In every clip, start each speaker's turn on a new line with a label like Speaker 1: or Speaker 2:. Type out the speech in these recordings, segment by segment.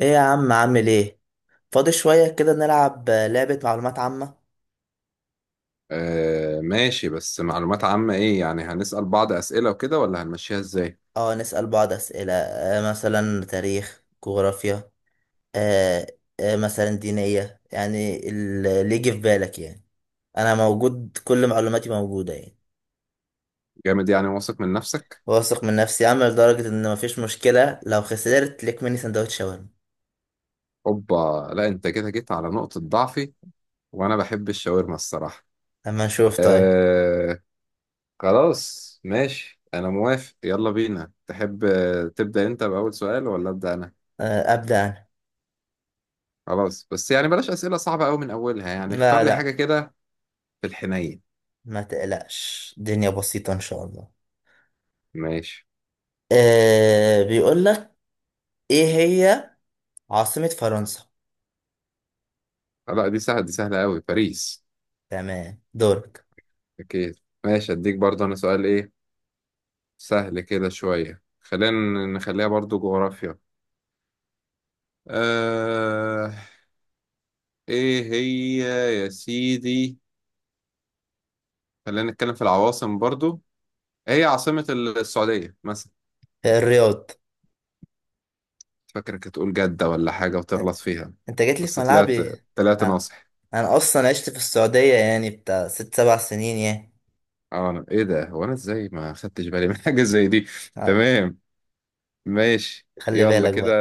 Speaker 1: ايه يا عم، عامل ايه؟ فاضي شوية كده، نلعب لعبة معلومات عامة.
Speaker 2: آه ماشي. بس معلومات عامة ايه يعني؟ هنسأل بعض أسئلة وكده ولا هنمشيها ازاي؟
Speaker 1: اه، نسأل بعض أسئلة. آه، مثلا تاريخ، جغرافيا. آه. آه، مثلا دينية، يعني اللي يجي في بالك يعني. انا موجود، كل معلوماتي موجودة يعني.
Speaker 2: جامد، يعني واثق من نفسك.
Speaker 1: واثق من نفسي، عامل لدرجة ان مفيش مشكلة لو خسرت ليك مني سندوتش شاورما.
Speaker 2: اوبا، لا انت كده جيت على نقطة ضعفي وانا بحب الشاورما الصراحة.
Speaker 1: اما نشوف طيب.
Speaker 2: آه خلاص ماشي، انا موافق. يلا بينا، تحب تبدأ انت بأول سؤال ولا أبدأ انا؟
Speaker 1: آه، ابدأ انا.
Speaker 2: خلاص، بس يعني بلاش أسئلة صعبة قوي من اولها، يعني اختار
Speaker 1: لا
Speaker 2: لي حاجة
Speaker 1: لا،
Speaker 2: كده في الحنين.
Speaker 1: ما تقلقش، الدنيا بسيطة ان شاء الله.
Speaker 2: ماشي.
Speaker 1: آه، بيقول لك: ايه هي عاصمة فرنسا؟
Speaker 2: لا دي سهلة، دي سهلة قوي، باريس.
Speaker 1: تمام، دورك.
Speaker 2: اكيد. ماشي، اديك برضه انا سؤال ايه؟ سهل كده شوية، خلينا نخليها برضو جغرافيا. آه، ايه هي، يا سيدي، خلينا نتكلم في العواصم برضو. إيه هي عاصمة السعودية مثلا؟
Speaker 1: الرياض.
Speaker 2: فاكرك هتقول جدة ولا حاجة وتغلط فيها،
Speaker 1: انت جيت لي في
Speaker 2: بس طلعت،
Speaker 1: ملعبي.
Speaker 2: طلعت
Speaker 1: اه.
Speaker 2: ناصح.
Speaker 1: انا اصلا عشت في السعودية يعني بتاع 6 7 سنين يعني.
Speaker 2: اه ايه ده، هو انا ازاي ما خدتش بالي من حاجة زي دي؟
Speaker 1: اه.
Speaker 2: تمام ماشي،
Speaker 1: خلي
Speaker 2: يلا
Speaker 1: بالك
Speaker 2: كده،
Speaker 1: بقى.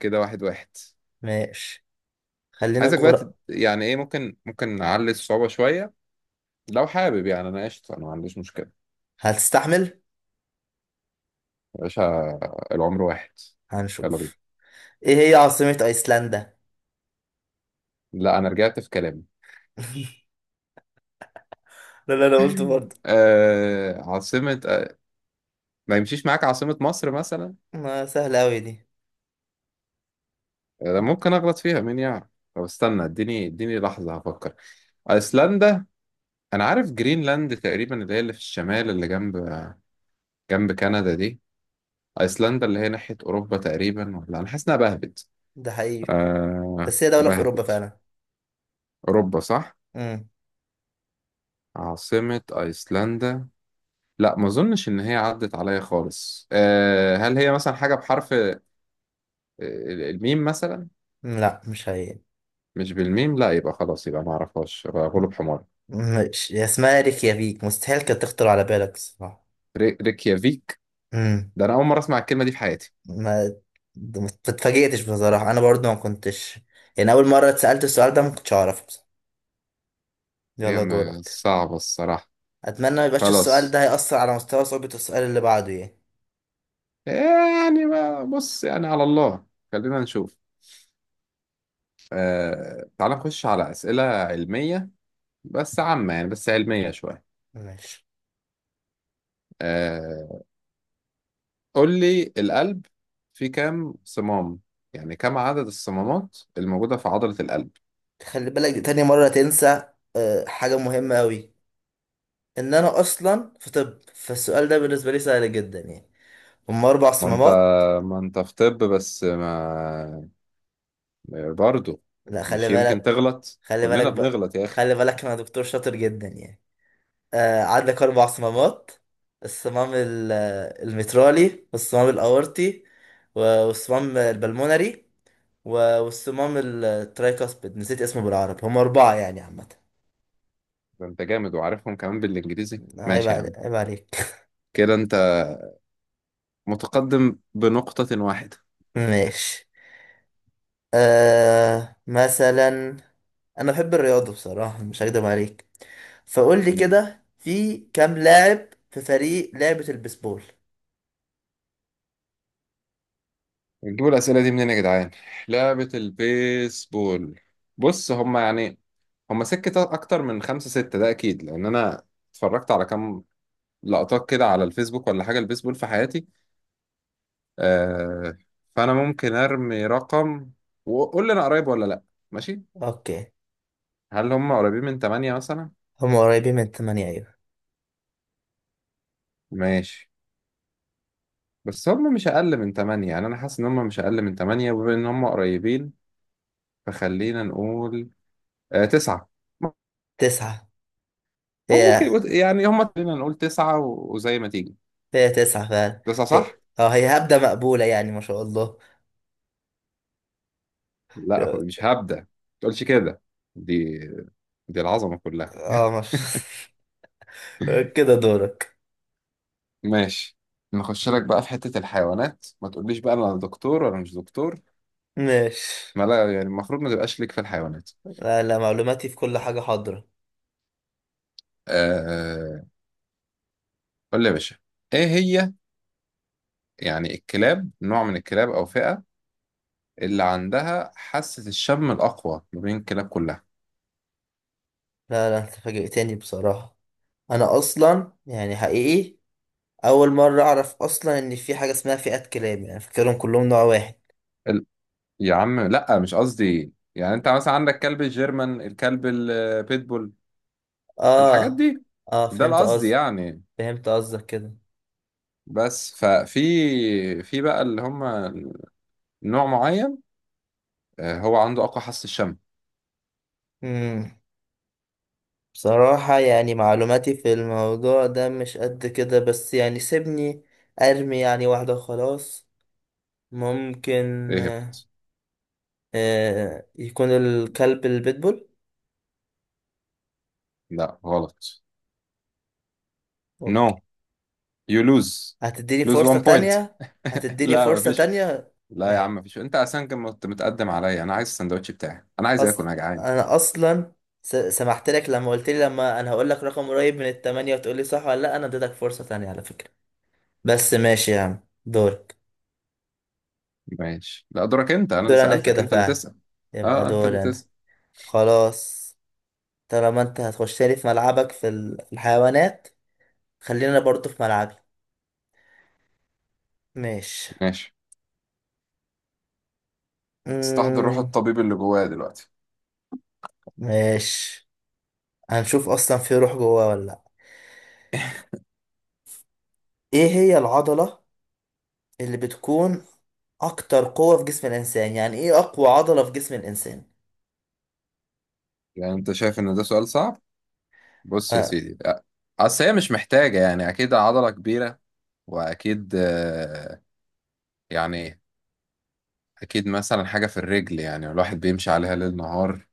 Speaker 2: كده واحد واحد.
Speaker 1: ماشي. خلينا
Speaker 2: عايزك بقى
Speaker 1: جغر
Speaker 2: يعني ايه، ممكن نعلي الصعوبة شوية لو حابب. يعني انا قشطة، انا ما عنديش مشكلة.
Speaker 1: هتستحمل.
Speaker 2: يا باشا، العمر واحد. يلا بينا.
Speaker 1: هنشوف. ايه هي عاصمة ايسلندا؟
Speaker 2: لا انا رجعت في كلامي.
Speaker 1: لا لا، انا قلت برضه.
Speaker 2: آه، عاصمة ما يمشيش معاك عاصمة مصر مثلا؟
Speaker 1: ما سهلة اوي دي.
Speaker 2: آه، ممكن اغلط فيها، مين يعرف. طب استنى، اديني لحظة هفكر. ايسلندا. انا عارف جرينلاند تقريبا، اللي هي اللي في الشمال اللي جنب جنب كندا دي. ايسلندا اللي هي ناحية اوروبا تقريبا، ولا انا حاسس انها بهبت.
Speaker 1: ده حقيقي.
Speaker 2: آه
Speaker 1: بس هي دولة في اوروبا
Speaker 2: بهبت.
Speaker 1: فعلا.
Speaker 2: اوروبا، صح؟
Speaker 1: مم.
Speaker 2: عاصمة ايسلندا، لا ما اظنش ان هي عدت عليا خالص. أه، هل هي مثلا حاجه بحرف الميم مثلا؟
Speaker 1: لا، مش هي.
Speaker 2: مش بالميم، لا يبقى خلاص، يبقى ما اعرفهاش، يبقى غلب حمار.
Speaker 1: مش هي اسمها ريكيافيك، مستحيل كانت تخطر على بالك الصراحة.
Speaker 2: ريكيافيك.
Speaker 1: مم.
Speaker 2: ده انا اول مره اسمع الكلمه دي في حياتي.
Speaker 1: ما ما اتفاجئتش بصراحة. انا برضو ما كنتش، يعني اول مرة اتسألت السؤال ده ما كنتش اعرفه بصراحة.
Speaker 2: هي
Speaker 1: يلا، دورك.
Speaker 2: صعبه الصراحه.
Speaker 1: اتمنى ما يبقاش السؤال
Speaker 2: خلاص،
Speaker 1: ده هيأثر على مستوى صعوبة السؤال اللي بعده يعني.
Speaker 2: يعني ما بص، يعني على الله، خلينا نشوف. أه، تعال نخش على اسئله علميه، بس عامه يعني، بس علميه شويه.
Speaker 1: ماشي.
Speaker 2: أه، قول لي القلب فيه كام صمام؟ يعني كم عدد الصمامات الموجودة في عضلة القلب؟
Speaker 1: خلي بالك، دي تاني مرة تنسى. حاجة مهمة أوي، إن أنا أصلا في طب، فالسؤال ده بالنسبة لي سهل جدا يعني. هما أربع
Speaker 2: ما انت،
Speaker 1: صمامات.
Speaker 2: ما انت في طب، بس ما برضه
Speaker 1: لا، خلي
Speaker 2: مش يمكن
Speaker 1: بالك.
Speaker 2: تغلط،
Speaker 1: خلي
Speaker 2: كلنا
Speaker 1: بالك بقى.
Speaker 2: بنغلط يا اخي.
Speaker 1: خلي بالك، أنا دكتور شاطر جدا يعني. آه، عندك أربع صمامات: الصمام ال- المترالي، والصمام الأورطي، والصمام البلمونري، والصمام الترايكاسبيد. نسيت اسمه بالعربي. هم أربعة يعني عامة.
Speaker 2: ده انت جامد وعارفهم كمان بالانجليزي، ماشي يا عم.
Speaker 1: عيب عليك.
Speaker 2: كده انت متقدم بنقطة واحدة.
Speaker 1: ماشي. آه، مثلا أنا بحب الرياضة بصراحة، مش هكدب عليك، فقول لي
Speaker 2: مم.
Speaker 1: كده: في كام لاعب في فريق لعبة البيسبول؟
Speaker 2: نجيبوا الأسئلة دي منين يا جدعان؟ لعبة البيسبول. بص، هما يعني، هما سكة أكتر من خمسة ستة، ده أكيد، لأن أنا اتفرجت على كام لقطات كده على الفيسبوك ولا حاجة البيسبول في حياتي. آه، فأنا ممكن أرمي رقم وقول لي أنا قريب ولا لأ؟ ماشي.
Speaker 1: اوكي.
Speaker 2: هل هم قريبين من تمانية مثلا؟
Speaker 1: هم قريبين من تمانية، ايوه.
Speaker 2: ماشي، بس هم مش أقل من تمانية، يعني أنا حاسس إن هم مش أقل من تمانية، وبما إن هم قريبين فخلينا نقول آه تسعة.
Speaker 1: تسعة.
Speaker 2: هم
Speaker 1: هي.
Speaker 2: يعني هم خلينا نقول تسعة وزي ما تيجي.
Speaker 1: هي تسعة فعلا.
Speaker 2: تسعة
Speaker 1: هي.
Speaker 2: صح؟
Speaker 1: اه، هي هبدة مقبولة يعني، ما شاء الله.
Speaker 2: لا مش هبدأ، ما تقولش كده، دي دي العظمة كلها.
Speaker 1: اه، ما شاء الله. كده دورك.
Speaker 2: ماشي، نخش لك بقى في حتة الحيوانات، ما تقوليش بقى انا دكتور ولا مش دكتور،
Speaker 1: ماشي.
Speaker 2: ما لا، يعني المفروض ما تبقاش ليك في الحيوانات.
Speaker 1: لا لا، معلوماتي في كل حاجة حاضرة.
Speaker 2: آه، قول لي يا باشا، ايه هي يعني الكلاب، نوع من الكلاب او فئة اللي عندها حاسة الشم الاقوى ما بين الكلاب كلها؟
Speaker 1: لا لا، انت فاجئتني بصراحة. انا اصلا يعني حقيقي اول مرة اعرف اصلا ان في حاجة اسمها فئات كلاب، يعني فاكرهم كلهم نوع واحد.
Speaker 2: ال... يا عم لا، مش قصدي، يعني انت مثلا عندك كلب الجيرمان، الكلب البيتبول، الحاجات
Speaker 1: اه.
Speaker 2: دي،
Speaker 1: اه،
Speaker 2: ده
Speaker 1: فهمت
Speaker 2: القصد
Speaker 1: قصدك.
Speaker 2: يعني.
Speaker 1: فهمت قصدك كده.
Speaker 2: بس ففي، في بقى اللي هم نوع معين، آه، هو عنده اقوى حاسة الشم.
Speaker 1: امم بصراحة يعني معلوماتي في الموضوع ده مش قد كده، بس يعني سيبني أرمي يعني واحدة خلاص. ممكن
Speaker 2: اهبط.
Speaker 1: يكون الكلب البيتبول.
Speaker 2: لا غلط. نو
Speaker 1: أوكي.
Speaker 2: يو لوز.
Speaker 1: هتديني
Speaker 2: لوز
Speaker 1: فرصة
Speaker 2: 1 بوينت.
Speaker 1: تانية؟ هتديني
Speaker 2: لا
Speaker 1: فرصة
Speaker 2: مفيش،
Speaker 1: تانية؟
Speaker 2: لا يا عم
Speaker 1: ماشي.
Speaker 2: مفيش، انت اصلا كنت متقدم عليا، انا عايز السندوتش بتاعي، انا عايز اكل،
Speaker 1: أص...
Speaker 2: انا جعان.
Speaker 1: أنا أصلا سمحت لك لما قلت لي، لما أنا هقول لك رقم قريب من التمانية وتقول لي صح ولا لأ، أنا اديتك فرصة تانية على فكرة. بس ماشي يا عم، دورك.
Speaker 2: ماشي، لا دورك انت، انا اللي
Speaker 1: دور أنا
Speaker 2: سألتك
Speaker 1: كده
Speaker 2: انت اللي
Speaker 1: فعلا،
Speaker 2: تسأل.
Speaker 1: يبقى
Speaker 2: اه انت اللي
Speaker 1: دور أنا.
Speaker 2: تسأل.
Speaker 1: خلاص. طالما انت هتخش لي في ملعبك في في الحيوانات، خلينا برضو في ملعبي. ماشي.
Speaker 2: ماشي، استحضر روح
Speaker 1: مم.
Speaker 2: الطبيب اللي جوايا دلوقتي.
Speaker 1: ماشي. هنشوف اصلا في روح جواه ولا لا. ايه هي العضلة اللي بتكون اكتر قوة في جسم الانسان؟ يعني ايه اقوى عضلة في جسم الانسان؟
Speaker 2: يعني انت شايف ان ده سؤال صعب؟ بص يا
Speaker 1: آه.
Speaker 2: سيدي اصل هي مش محتاجة، يعني اكيد عضلة كبيرة واكيد يعني اكيد مثلا حاجة في الرجل، يعني الواحد بيمشي عليها ليل نهار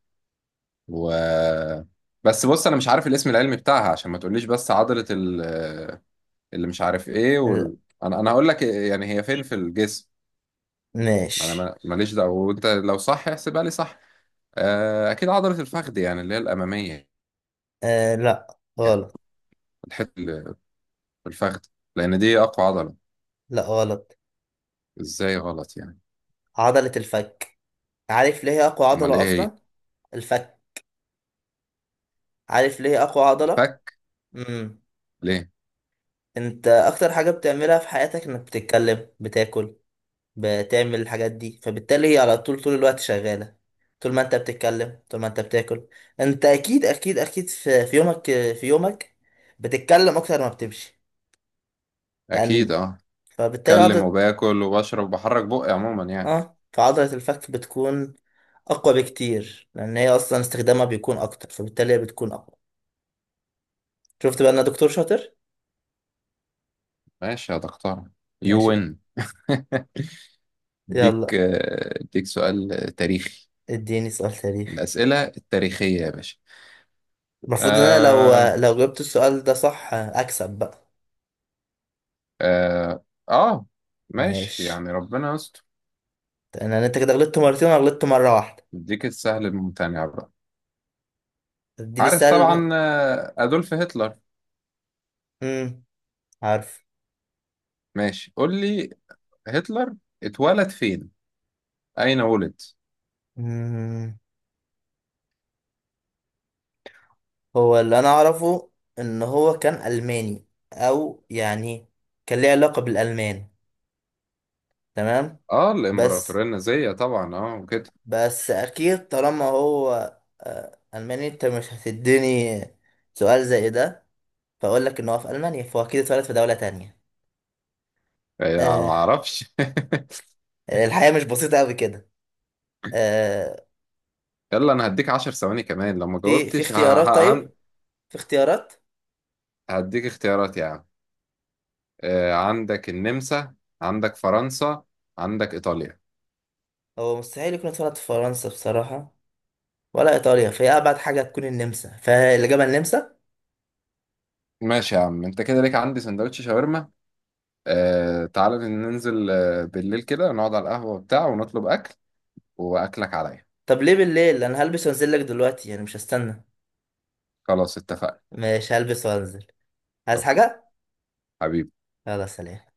Speaker 2: و بس. بص انا مش عارف الاسم العلمي بتاعها، عشان ما تقوليش بس عضلة ال... اللي مش عارف ايه
Speaker 1: لا.
Speaker 2: وال... انا هقول لك يعني هي فين في الجسم، انا
Speaker 1: ماشي.
Speaker 2: ماليش دعوة، وانت لو صح احسبها لي صح. آه، اكيد عضلة الفخذ، يعني اللي هي الامامية،
Speaker 1: آه. لا،
Speaker 2: يعني
Speaker 1: غلط.
Speaker 2: الحتة اللي في الفخذ، لان دي اقوى عضلة.
Speaker 1: لا، غلط.
Speaker 2: ازاي غلط يعني؟
Speaker 1: عضلة الفك. عارف ليه هي اقوى
Speaker 2: امال
Speaker 1: عضلة
Speaker 2: ايه هي؟
Speaker 1: اصلا؟ الفك. عارف ليه هي اقوى عضلة؟
Speaker 2: الفك؟
Speaker 1: امم.
Speaker 2: ليه؟
Speaker 1: انت اكتر حاجة بتعملها في حياتك انك بتتكلم، بتاكل، بتعمل الحاجات دي، فبالتالي هي على طول طول الوقت شغالة. طول ما انت بتتكلم، طول ما انت بتاكل، انت اكيد اكيد اكيد في يومك، في يومك بتتكلم اكتر ما بتمشي، لان
Speaker 2: اكيد اه،
Speaker 1: فبالتالي
Speaker 2: اتكلم
Speaker 1: عضلة،
Speaker 2: وباكل وبشرب وبحرك بقي عموما يعني.
Speaker 1: اه، فعضلة الفك بتكون اقوى بكتير لان هي اصلا استخدامها بيكون اكتر، فبالتالي هي بتكون اقوى. شفت بقى انا دكتور شاطر.
Speaker 2: ماشي يا دكتور. يو
Speaker 1: ماشي.
Speaker 2: وين. اديك
Speaker 1: يلا
Speaker 2: اديك سؤال تاريخي.
Speaker 1: اديني سؤال تاريخ.
Speaker 2: الأسئلة التاريخية يا باشا.
Speaker 1: المفروض ان انا لو
Speaker 2: آه،
Speaker 1: لو جبت السؤال ده صح اكسب بقى.
Speaker 2: آه, آه ماشي،
Speaker 1: ماشي.
Speaker 2: يعني ربنا يستر.
Speaker 1: انا انت كده غلطت مرتين وانا غلطت مرة واحدة.
Speaker 2: اديك السهل الممتنع بقى.
Speaker 1: اديني
Speaker 2: عارف
Speaker 1: سهل.
Speaker 2: طبعا آه، أدولف هتلر؟
Speaker 1: امم. عارف.
Speaker 2: ماشي قول لي، هتلر اتولد فين؟ أين ولد؟
Speaker 1: مم. هو اللي انا اعرفه ان هو كان الماني، او يعني كان ليه علاقة بالالمان. تمام.
Speaker 2: آه
Speaker 1: بس
Speaker 2: الإمبراطورية النازية طبعا آه وكده.
Speaker 1: بس اكيد طالما هو الماني، انت مش هتديني سؤال زي ده فاقول لك ان هو في المانيا، فهو اكيد اتولد في دولة تانية.
Speaker 2: آه، يعني ما
Speaker 1: آه،
Speaker 2: أعرفش.
Speaker 1: الحياة مش بسيطة قوي كده. آه،
Speaker 2: يلا أنا هديك عشر ثواني كمان لو ما
Speaker 1: في
Speaker 2: جاوبتش
Speaker 1: اختيارات
Speaker 2: ه-
Speaker 1: طيب؟
Speaker 2: هن-
Speaker 1: في اختيارات؟
Speaker 2: هديك اختيارات يعني. آه، عندك النمسا، عندك فرنسا، عندك إيطاليا.
Speaker 1: هو مستحيل يكون اتولد في فرنسا بصراحة ولا ايطاليا، فهي ابعد حاجه تكون النمسا، فالاجابه النمسا.
Speaker 2: ماشي يا عم، انت كده ليك عندي سندوتش شاورما. آه تعالى ننزل بالليل كده، نقعد على القهوة بتاع ونطلب أكل وأكلك عليا.
Speaker 1: طب ليه بالليل؟ انا هلبس وانزل لك دلوقتي يعني، مش هستنى.
Speaker 2: خلاص اتفقنا.
Speaker 1: مش هلبس وانزل؟ عايز
Speaker 2: أوكي
Speaker 1: حاجه؟
Speaker 2: حبيبي.
Speaker 1: يلا سلام.